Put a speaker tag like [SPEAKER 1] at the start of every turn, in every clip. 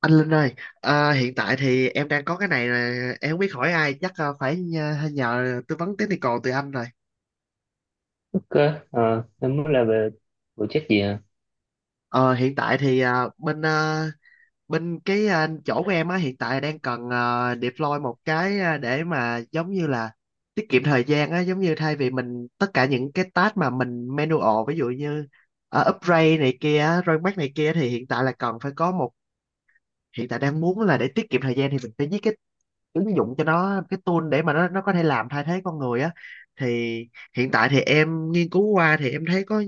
[SPEAKER 1] Anh Linh ơi, hiện tại thì em đang có cái này là em không biết hỏi ai, chắc phải nhờ tư vấn technical từ anh rồi.
[SPEAKER 2] Ok. Em muốn là về về chất gì hả?
[SPEAKER 1] Ờ, Hiện tại thì bên cái chỗ của em á hiện tại đang cần deploy một cái để mà giống như là tiết kiệm thời gian á, giống như thay vì mình tất cả những cái task mà mình manual, ví dụ như upgrade này kia, rollback này kia thì hiện tại là cần phải có một hiện tại đang muốn là để tiết kiệm thời gian thì mình phải viết cái ứng dụng cho nó, cái tool để mà nó có thể làm thay thế con người á. Thì hiện tại thì em nghiên cứu qua thì em thấy có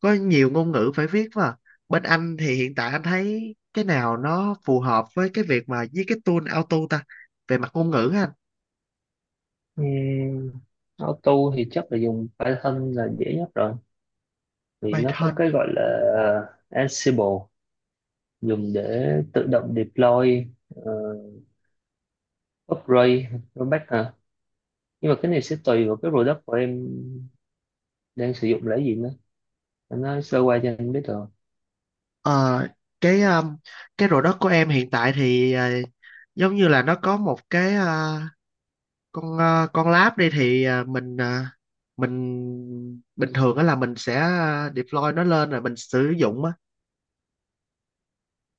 [SPEAKER 1] có nhiều ngôn ngữ phải viết mà bên anh thì hiện tại anh thấy cái nào nó phù hợp với cái việc mà với cái tool auto ta, về mặt ngôn ngữ á anh?
[SPEAKER 2] Uhm, Auto thì chắc là dùng Python là dễ nhất rồi, vì nó có
[SPEAKER 1] Python.
[SPEAKER 2] cái gọi là Ansible, dùng để tự động deploy, ờ, upgrade, rollback hả? Nhưng mà cái này sẽ tùy vào cái product của em đang sử dụng là cái gì nữa, em nói sơ qua cho anh biết rồi
[SPEAKER 1] Ờ, cái um, cái product của em hiện tại thì giống như là nó có một cái con lab đi, thì mình bình thường đó là mình sẽ deploy nó lên rồi mình sử dụng á.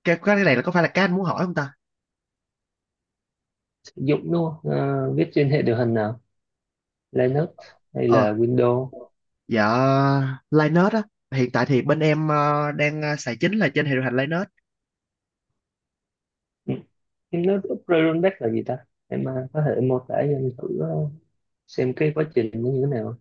[SPEAKER 1] Cái này là có phải là cái anh muốn hỏi không ta?
[SPEAKER 2] sử dụng đúng không? Ờ, viết trên hệ điều hành nào, Linux hay
[SPEAKER 1] ờ
[SPEAKER 2] là Windows?
[SPEAKER 1] dạ, Linux á. Hiện tại thì bên em xài chính là trên hệ điều hành Linux.
[SPEAKER 2] Em Hypnotic Rollback là gì ta? Em có thể mô tả cho anh thử xem cái quá trình nó như thế nào.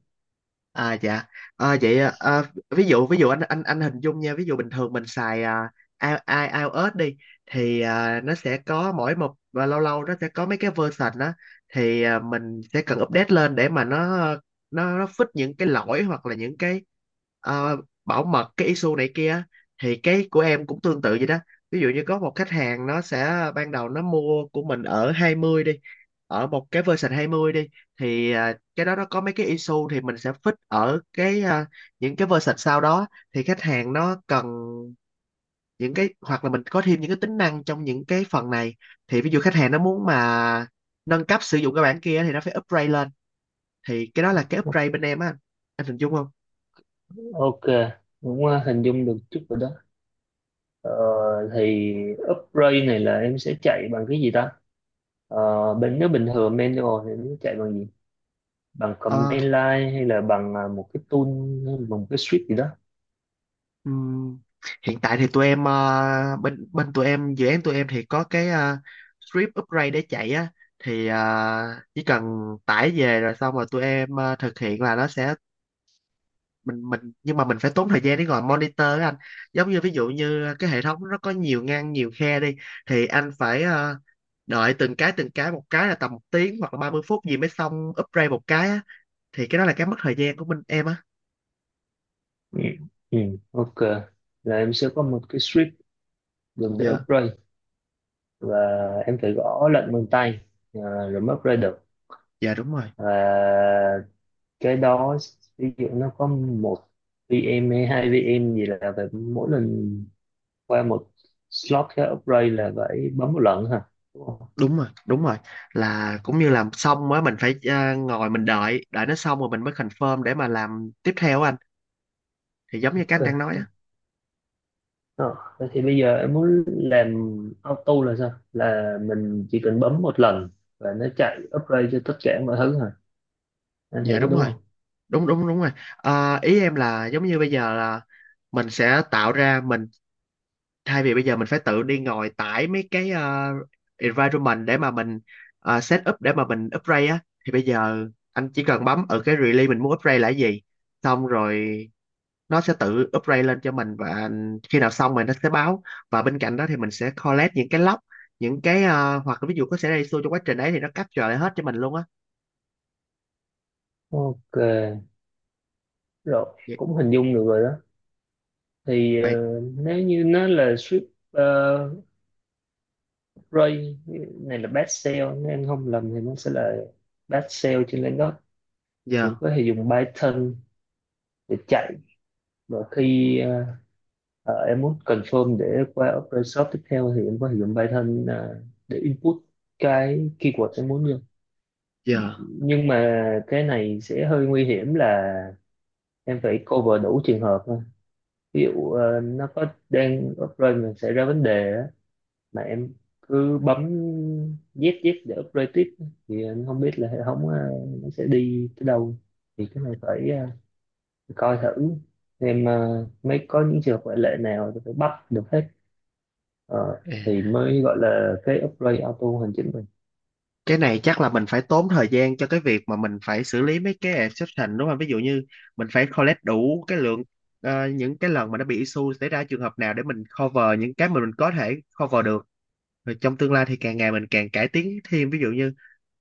[SPEAKER 1] À dạ. À, vậy à, à, Ví dụ anh hình dung nha, ví dụ bình thường mình xài iOS đi thì nó sẽ có mỗi một và lâu lâu nó sẽ có mấy cái version đó. Thì mình sẽ cần update lên để mà nó fix những cái lỗi, hoặc là những cái ờ, bảo mật, cái issue này kia á. Thì cái của em cũng tương tự vậy đó. Ví dụ như có một khách hàng, nó sẽ ban đầu nó mua của mình ở 20 đi, ở một cái version 20 đi, thì cái đó nó có mấy cái issue thì mình sẽ fix ở những cái version sau đó. Thì khách hàng nó cần những cái hoặc là mình có thêm những cái tính năng trong những cái phần này, thì ví dụ khách hàng nó muốn mà nâng cấp sử dụng cái bản kia thì nó phải upgrade lên. Thì cái đó là cái upgrade bên em á anh hình dung không?
[SPEAKER 2] Ok, cũng hình dung được chút rồi đó. Ờ, thì upgrade này là em sẽ chạy bằng cái gì ta? Ờ, bên nếu bình thường manual thì em sẽ chạy bằng gì? Bằng command
[SPEAKER 1] Ờ,
[SPEAKER 2] line hay là bằng một cái tool, hay là bằng một cái script gì đó?
[SPEAKER 1] ừm, Hiện tại thì tụi em ờ, bên bên tụi em dự án tụi em thì có cái script upgrade để chạy á. Thì chỉ cần tải về rồi xong rồi tụi em thực hiện là nó sẽ mình nhưng mà mình phải tốn thời gian để ngồi monitor á anh. Giống như ví dụ như cái hệ thống nó có nhiều ngăn, nhiều khe đi, thì anh phải đợi từng cái một, cái là tầm một tiếng hoặc là 30 phút gì mới xong upgrade một cái á. Thì cái đó là cái mất thời gian của mình em á.
[SPEAKER 2] Ừ. Ừ. Ok, là em sẽ có một cái script dùng để
[SPEAKER 1] Dạ.
[SPEAKER 2] upgrade, và em phải gõ lệnh bằng tay rồi mới upgrade được.
[SPEAKER 1] Dạ, đúng rồi.
[SPEAKER 2] Và cái đó, ví dụ nó có một VM hay hai VM gì là phải mỗi lần qua một slot cái upgrade là phải bấm một lần hả, đúng không?
[SPEAKER 1] Đúng rồi. Là cũng như làm xong á mình phải ngồi mình đợi đợi nó xong rồi mình mới confirm để mà làm tiếp theo á anh, thì giống như cái anh
[SPEAKER 2] Ok.
[SPEAKER 1] đang nói á.
[SPEAKER 2] Ờ, vậy thì bây giờ em muốn làm auto là sao, là mình chỉ cần bấm một lần và nó chạy upgrade cho tất cả mọi thứ hả, anh hiểu
[SPEAKER 1] Dạ
[SPEAKER 2] có
[SPEAKER 1] đúng
[SPEAKER 2] đúng
[SPEAKER 1] rồi.
[SPEAKER 2] không?
[SPEAKER 1] Đúng đúng đúng rồi Ờ, ý em là giống như bây giờ là mình sẽ tạo ra mình thay vì bây giờ mình phải tự đi ngồi tải mấy cái environment để mà mình set up để mà mình upgrade á, thì bây giờ anh chỉ cần bấm ở cái release mình muốn upgrade là cái gì, xong rồi nó sẽ tự upgrade lên cho mình, và khi nào xong rồi nó sẽ báo. Và bên cạnh đó thì mình sẽ collect những cái log, những cái hoặc là ví dụ có xảy ra issue trong quá trình đấy thì nó capture lại hết cho mình luôn á.
[SPEAKER 2] Ok, rồi,
[SPEAKER 1] Vậy
[SPEAKER 2] cũng hình dung được rồi đó. Thì
[SPEAKER 1] vậy
[SPEAKER 2] nếu như nó là strip. Rồi, này là best sale, nếu em không lầm thì nó sẽ là best sale trên Linux, thì
[SPEAKER 1] giờ
[SPEAKER 2] có thể dùng Python để chạy. Và khi em muốn confirm để qua Opera Shop tiếp theo thì em có thể dùng Python để input cái keyword em muốn vô.
[SPEAKER 1] giờ
[SPEAKER 2] Nhưng mà cái này sẽ hơi nguy hiểm là em phải cover đủ trường hợp thôi. Ví dụ nó có đang Opera mà xảy ra vấn đề mà em cứ bấm dép dép để upload tiếp thì anh không biết là hệ thống nó sẽ đi tới đâu. Thì cái này phải coi thử xem mới có những trường hợp ngoại lệ nào thì phải bắt được hết. Ờ,
[SPEAKER 1] ờ.
[SPEAKER 2] thì mới gọi là cái upgrade auto hoàn chỉnh mình.
[SPEAKER 1] Cái này chắc là mình phải tốn thời gian cho cái việc mà mình phải xử lý mấy cái exception, đúng không? Ví dụ như mình phải collect đủ cái lượng những cái lần mà nó bị issue, xảy ra trường hợp nào, để mình cover những cái mà mình có thể cover được. Rồi trong tương lai thì càng ngày mình càng cải tiến thêm, ví dụ như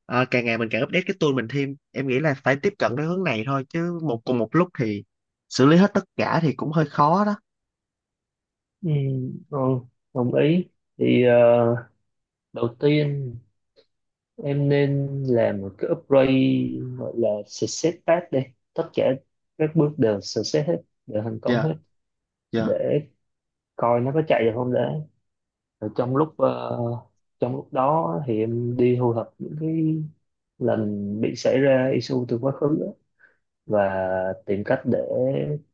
[SPEAKER 1] càng ngày mình càng update cái tool mình thêm. Em nghĩ là phải tiếp cận cái hướng này thôi, chứ một cùng một lúc thì xử lý hết tất cả thì cũng hơi khó đó.
[SPEAKER 2] ừ, ừ, Đồng ý. Thì đầu tiên em nên làm một cái upgrade gọi là success path đây, tất cả các bước đều success hết, đều thành công
[SPEAKER 1] Dạ,
[SPEAKER 2] hết,
[SPEAKER 1] dạ,
[SPEAKER 2] để coi nó có chạy được không đấy. Rồi trong lúc trong lúc đó thì em đi thu thập những cái lần bị xảy ra issue từ quá khứ á, và tìm cách để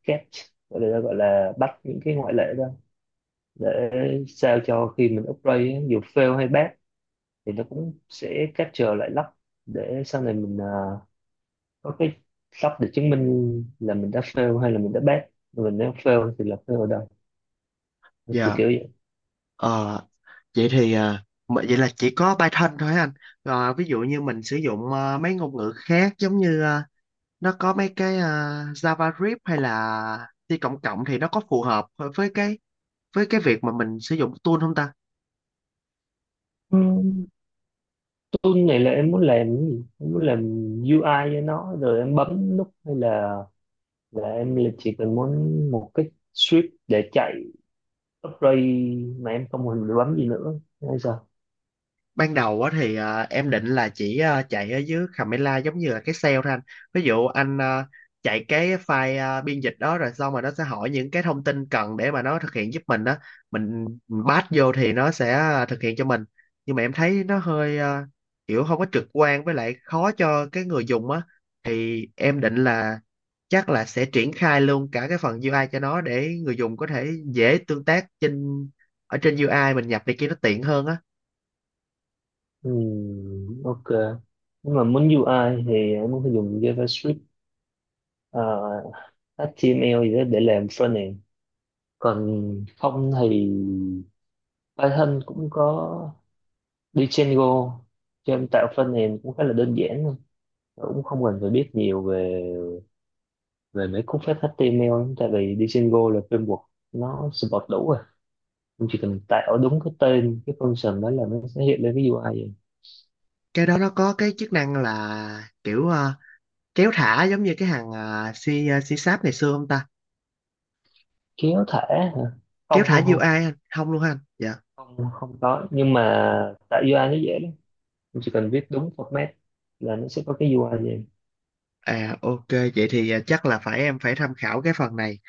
[SPEAKER 2] catch, gọi là bắt những cái ngoại lệ ra, để sao cho khi mình upgrade á, dù fail hay pass thì nó cũng sẽ capture lại lắp, để sau này mình có cái lắp để chứng minh là mình đã fail hay là mình đã pass mình, nếu fail thì là fail ở đâu, kiểu
[SPEAKER 1] dạ.
[SPEAKER 2] kiểu vậy.
[SPEAKER 1] Ờ, vậy thì vậy là chỉ có Python thôi hả anh? Rồi ví dụ như mình sử dụng mấy ngôn ngữ khác, giống như nó có mấy cái Java Script hay là C cộng cộng, thì nó có phù hợp với với cái việc mà mình sử dụng tool không ta?
[SPEAKER 2] Ừ. Tôi nghĩ là em muốn làm cái gì, em muốn làm UI cho nó rồi em bấm nút, hay là em là chỉ cần muốn một cái script để chạy upgrade mà em không cần phải bấm gì nữa hay sao?
[SPEAKER 1] Ban đầu á thì em định là chỉ chạy ở dưới Camela, giống như là cái sale thôi anh. Ví dụ anh chạy cái file biên dịch đó, rồi xong rồi nó sẽ hỏi những cái thông tin cần để mà nó thực hiện giúp mình đó, mình pass vô thì nó sẽ thực hiện cho mình. Nhưng mà em thấy nó hơi kiểu không có trực quan, với lại khó cho cái người dùng á. Thì em định là chắc là sẽ triển khai luôn cả cái phần UI cho nó, để người dùng có thể dễ tương tác ở trên UI, mình nhập này kia nó tiện hơn á.
[SPEAKER 2] Ok. Nhưng mà muốn UI thì em muốn phải dùng JavaScript, à, HTML gì đó để làm frontend. Còn không thì Python cũng có Django cho em tạo frontend cũng khá là đơn giản thôi, cũng không cần phải biết nhiều về về mấy cú phép HTML, tại vì đi single là framework, nó support đủ rồi, em chỉ cần tạo đúng cái tên cái function đó là nó sẽ hiện lên cái UI vậy.
[SPEAKER 1] Cái đó nó có cái chức năng là kiểu kéo thả giống như cái hàng si si sáp ngày xưa không ta?
[SPEAKER 2] Kéo thả hả?
[SPEAKER 1] Kéo
[SPEAKER 2] không
[SPEAKER 1] thả
[SPEAKER 2] không
[SPEAKER 1] UI
[SPEAKER 2] không
[SPEAKER 1] anh không luôn hả anh dạ?
[SPEAKER 2] Không không có, nhưng mà tạo UI nó dễ lắm, em chỉ cần viết đúng format là nó sẽ có cái UI vậy.
[SPEAKER 1] À ok, vậy thì chắc là em phải tham khảo cái phần này.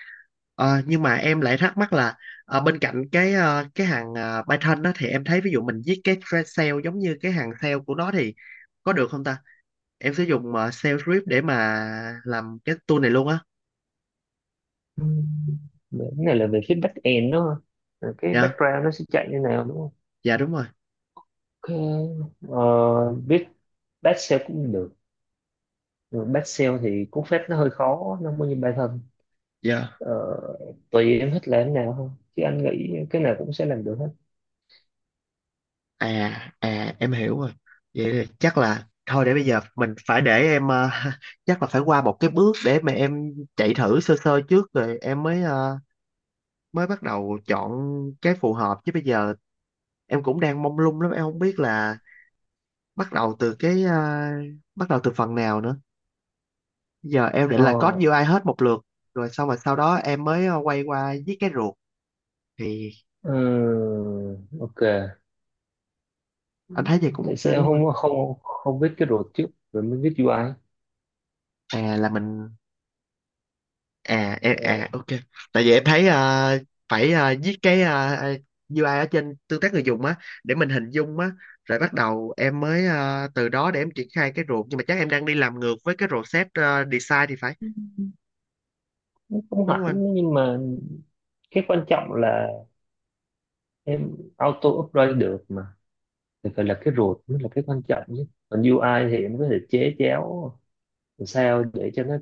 [SPEAKER 1] Ờ, nhưng mà em lại thắc mắc là bên cạnh cái cái hàng Python đó thì em thấy ví dụ mình viết cái thread cell giống như cái hàng cell của nó thì có được không ta, em sử dụng shell script để mà làm cái tool này luôn á?
[SPEAKER 2] Ừm, cái này là về phía back end đúng không? Rồi cái
[SPEAKER 1] Dạ.
[SPEAKER 2] background nó sẽ chạy như nào đúng không?
[SPEAKER 1] Dạ đúng rồi.
[SPEAKER 2] Ok, viết back shell cũng được. Back shell thì cú phép nó hơi khó, nó không có như Python.
[SPEAKER 1] Dạ.
[SPEAKER 2] Ờ, tùy em thích làm thế nào không, chứ anh nghĩ cái nào cũng sẽ làm được hết.
[SPEAKER 1] À à em hiểu rồi. Vậy là chắc là thôi, để bây giờ mình phải để em chắc là phải qua một cái bước để mà em chạy thử sơ sơ trước, rồi em mới mới bắt đầu chọn cái phù hợp, chứ bây giờ em cũng đang mông lung lắm, em không biết là bắt đầu từ bắt đầu từ phần nào nữa. Bây giờ em định
[SPEAKER 2] ờ
[SPEAKER 1] là code UI hết một lượt rồi xong rồi sau đó em mới quay qua viết cái ruột, thì
[SPEAKER 2] ok.
[SPEAKER 1] anh thấy vậy cũng
[SPEAKER 2] Tại sao
[SPEAKER 1] ok
[SPEAKER 2] em
[SPEAKER 1] đúng không?
[SPEAKER 2] không không không viết cái road trước rồi mới viết UI?
[SPEAKER 1] Anh à là mình à em-
[SPEAKER 2] Ờ,
[SPEAKER 1] À ok. Tại vì em thấy phải viết cái UI ở trên tương tác người dùng á, để mình hình dung á, rồi bắt đầu em mới từ đó để em triển khai cái ruột. Nhưng mà chắc em đang đi làm ngược với cái rổ set design thì phải,
[SPEAKER 2] không
[SPEAKER 1] đúng
[SPEAKER 2] hẳn,
[SPEAKER 1] không anh?
[SPEAKER 2] nhưng mà cái quan trọng là em auto upgrade được mà, thì phải là cái root mới là cái quan trọng, chứ còn UI thì em có thể chế chéo làm sao để cho nó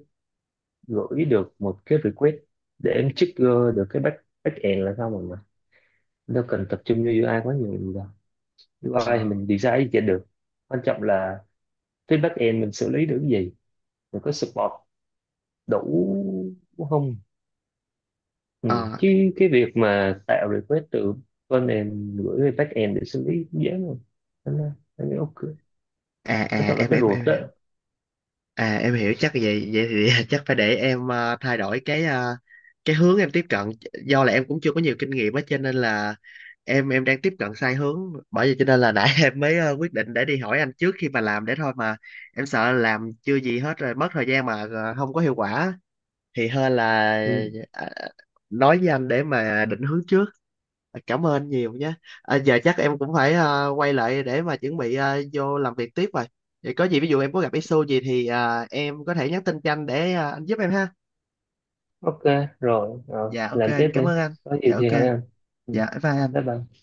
[SPEAKER 2] gửi được một cái request để em trigger được cái backend là sao rồi mà, đâu cần tập trung vô UI quá nhiều.
[SPEAKER 1] ờ
[SPEAKER 2] UI thì mình design gì cho được, quan trọng là phía back end mình xử lý được cái gì, mình có support đủ không. Ừ.
[SPEAKER 1] ờ
[SPEAKER 2] Chứ cái việc mà tạo request từ front gửi về back end để xử lý cũng dễ rồi. Thế nên là anh nghĩ ok, quan trọng là
[SPEAKER 1] em
[SPEAKER 2] cái
[SPEAKER 1] em
[SPEAKER 2] ruột
[SPEAKER 1] em
[SPEAKER 2] đó.
[SPEAKER 1] hiểu. À em hiểu. Chắc vậy vậy thì chắc phải để em thay đổi cái hướng em tiếp cận. Do là em cũng chưa có nhiều kinh nghiệm á, cho nên là em đang tiếp cận sai hướng. Bởi vậy cho nên là nãy em mới quyết định để đi hỏi anh trước khi mà làm, để thôi mà em sợ làm chưa gì hết rồi mất thời gian mà không có hiệu quả thì hơn là
[SPEAKER 2] Ừ.
[SPEAKER 1] ờ, nói với anh để mà định hướng trước. Cảm ơn nhiều nhé. À, giờ chắc em cũng phải quay lại để mà chuẩn bị vô làm việc tiếp rồi. Vậy có gì ví dụ em có gặp issue gì thì em có thể nhắn tin cho anh để anh giúp em ha.
[SPEAKER 2] Ok, rồi Rồi,
[SPEAKER 1] Dạ ok
[SPEAKER 2] làm tiếp
[SPEAKER 1] em
[SPEAKER 2] đi,
[SPEAKER 1] cảm ơn anh.
[SPEAKER 2] có
[SPEAKER 1] Dạ
[SPEAKER 2] gì
[SPEAKER 1] ok.
[SPEAKER 2] thì hỏi anh. Ừ.
[SPEAKER 1] Dạ bye bye anh.
[SPEAKER 2] Bye bye.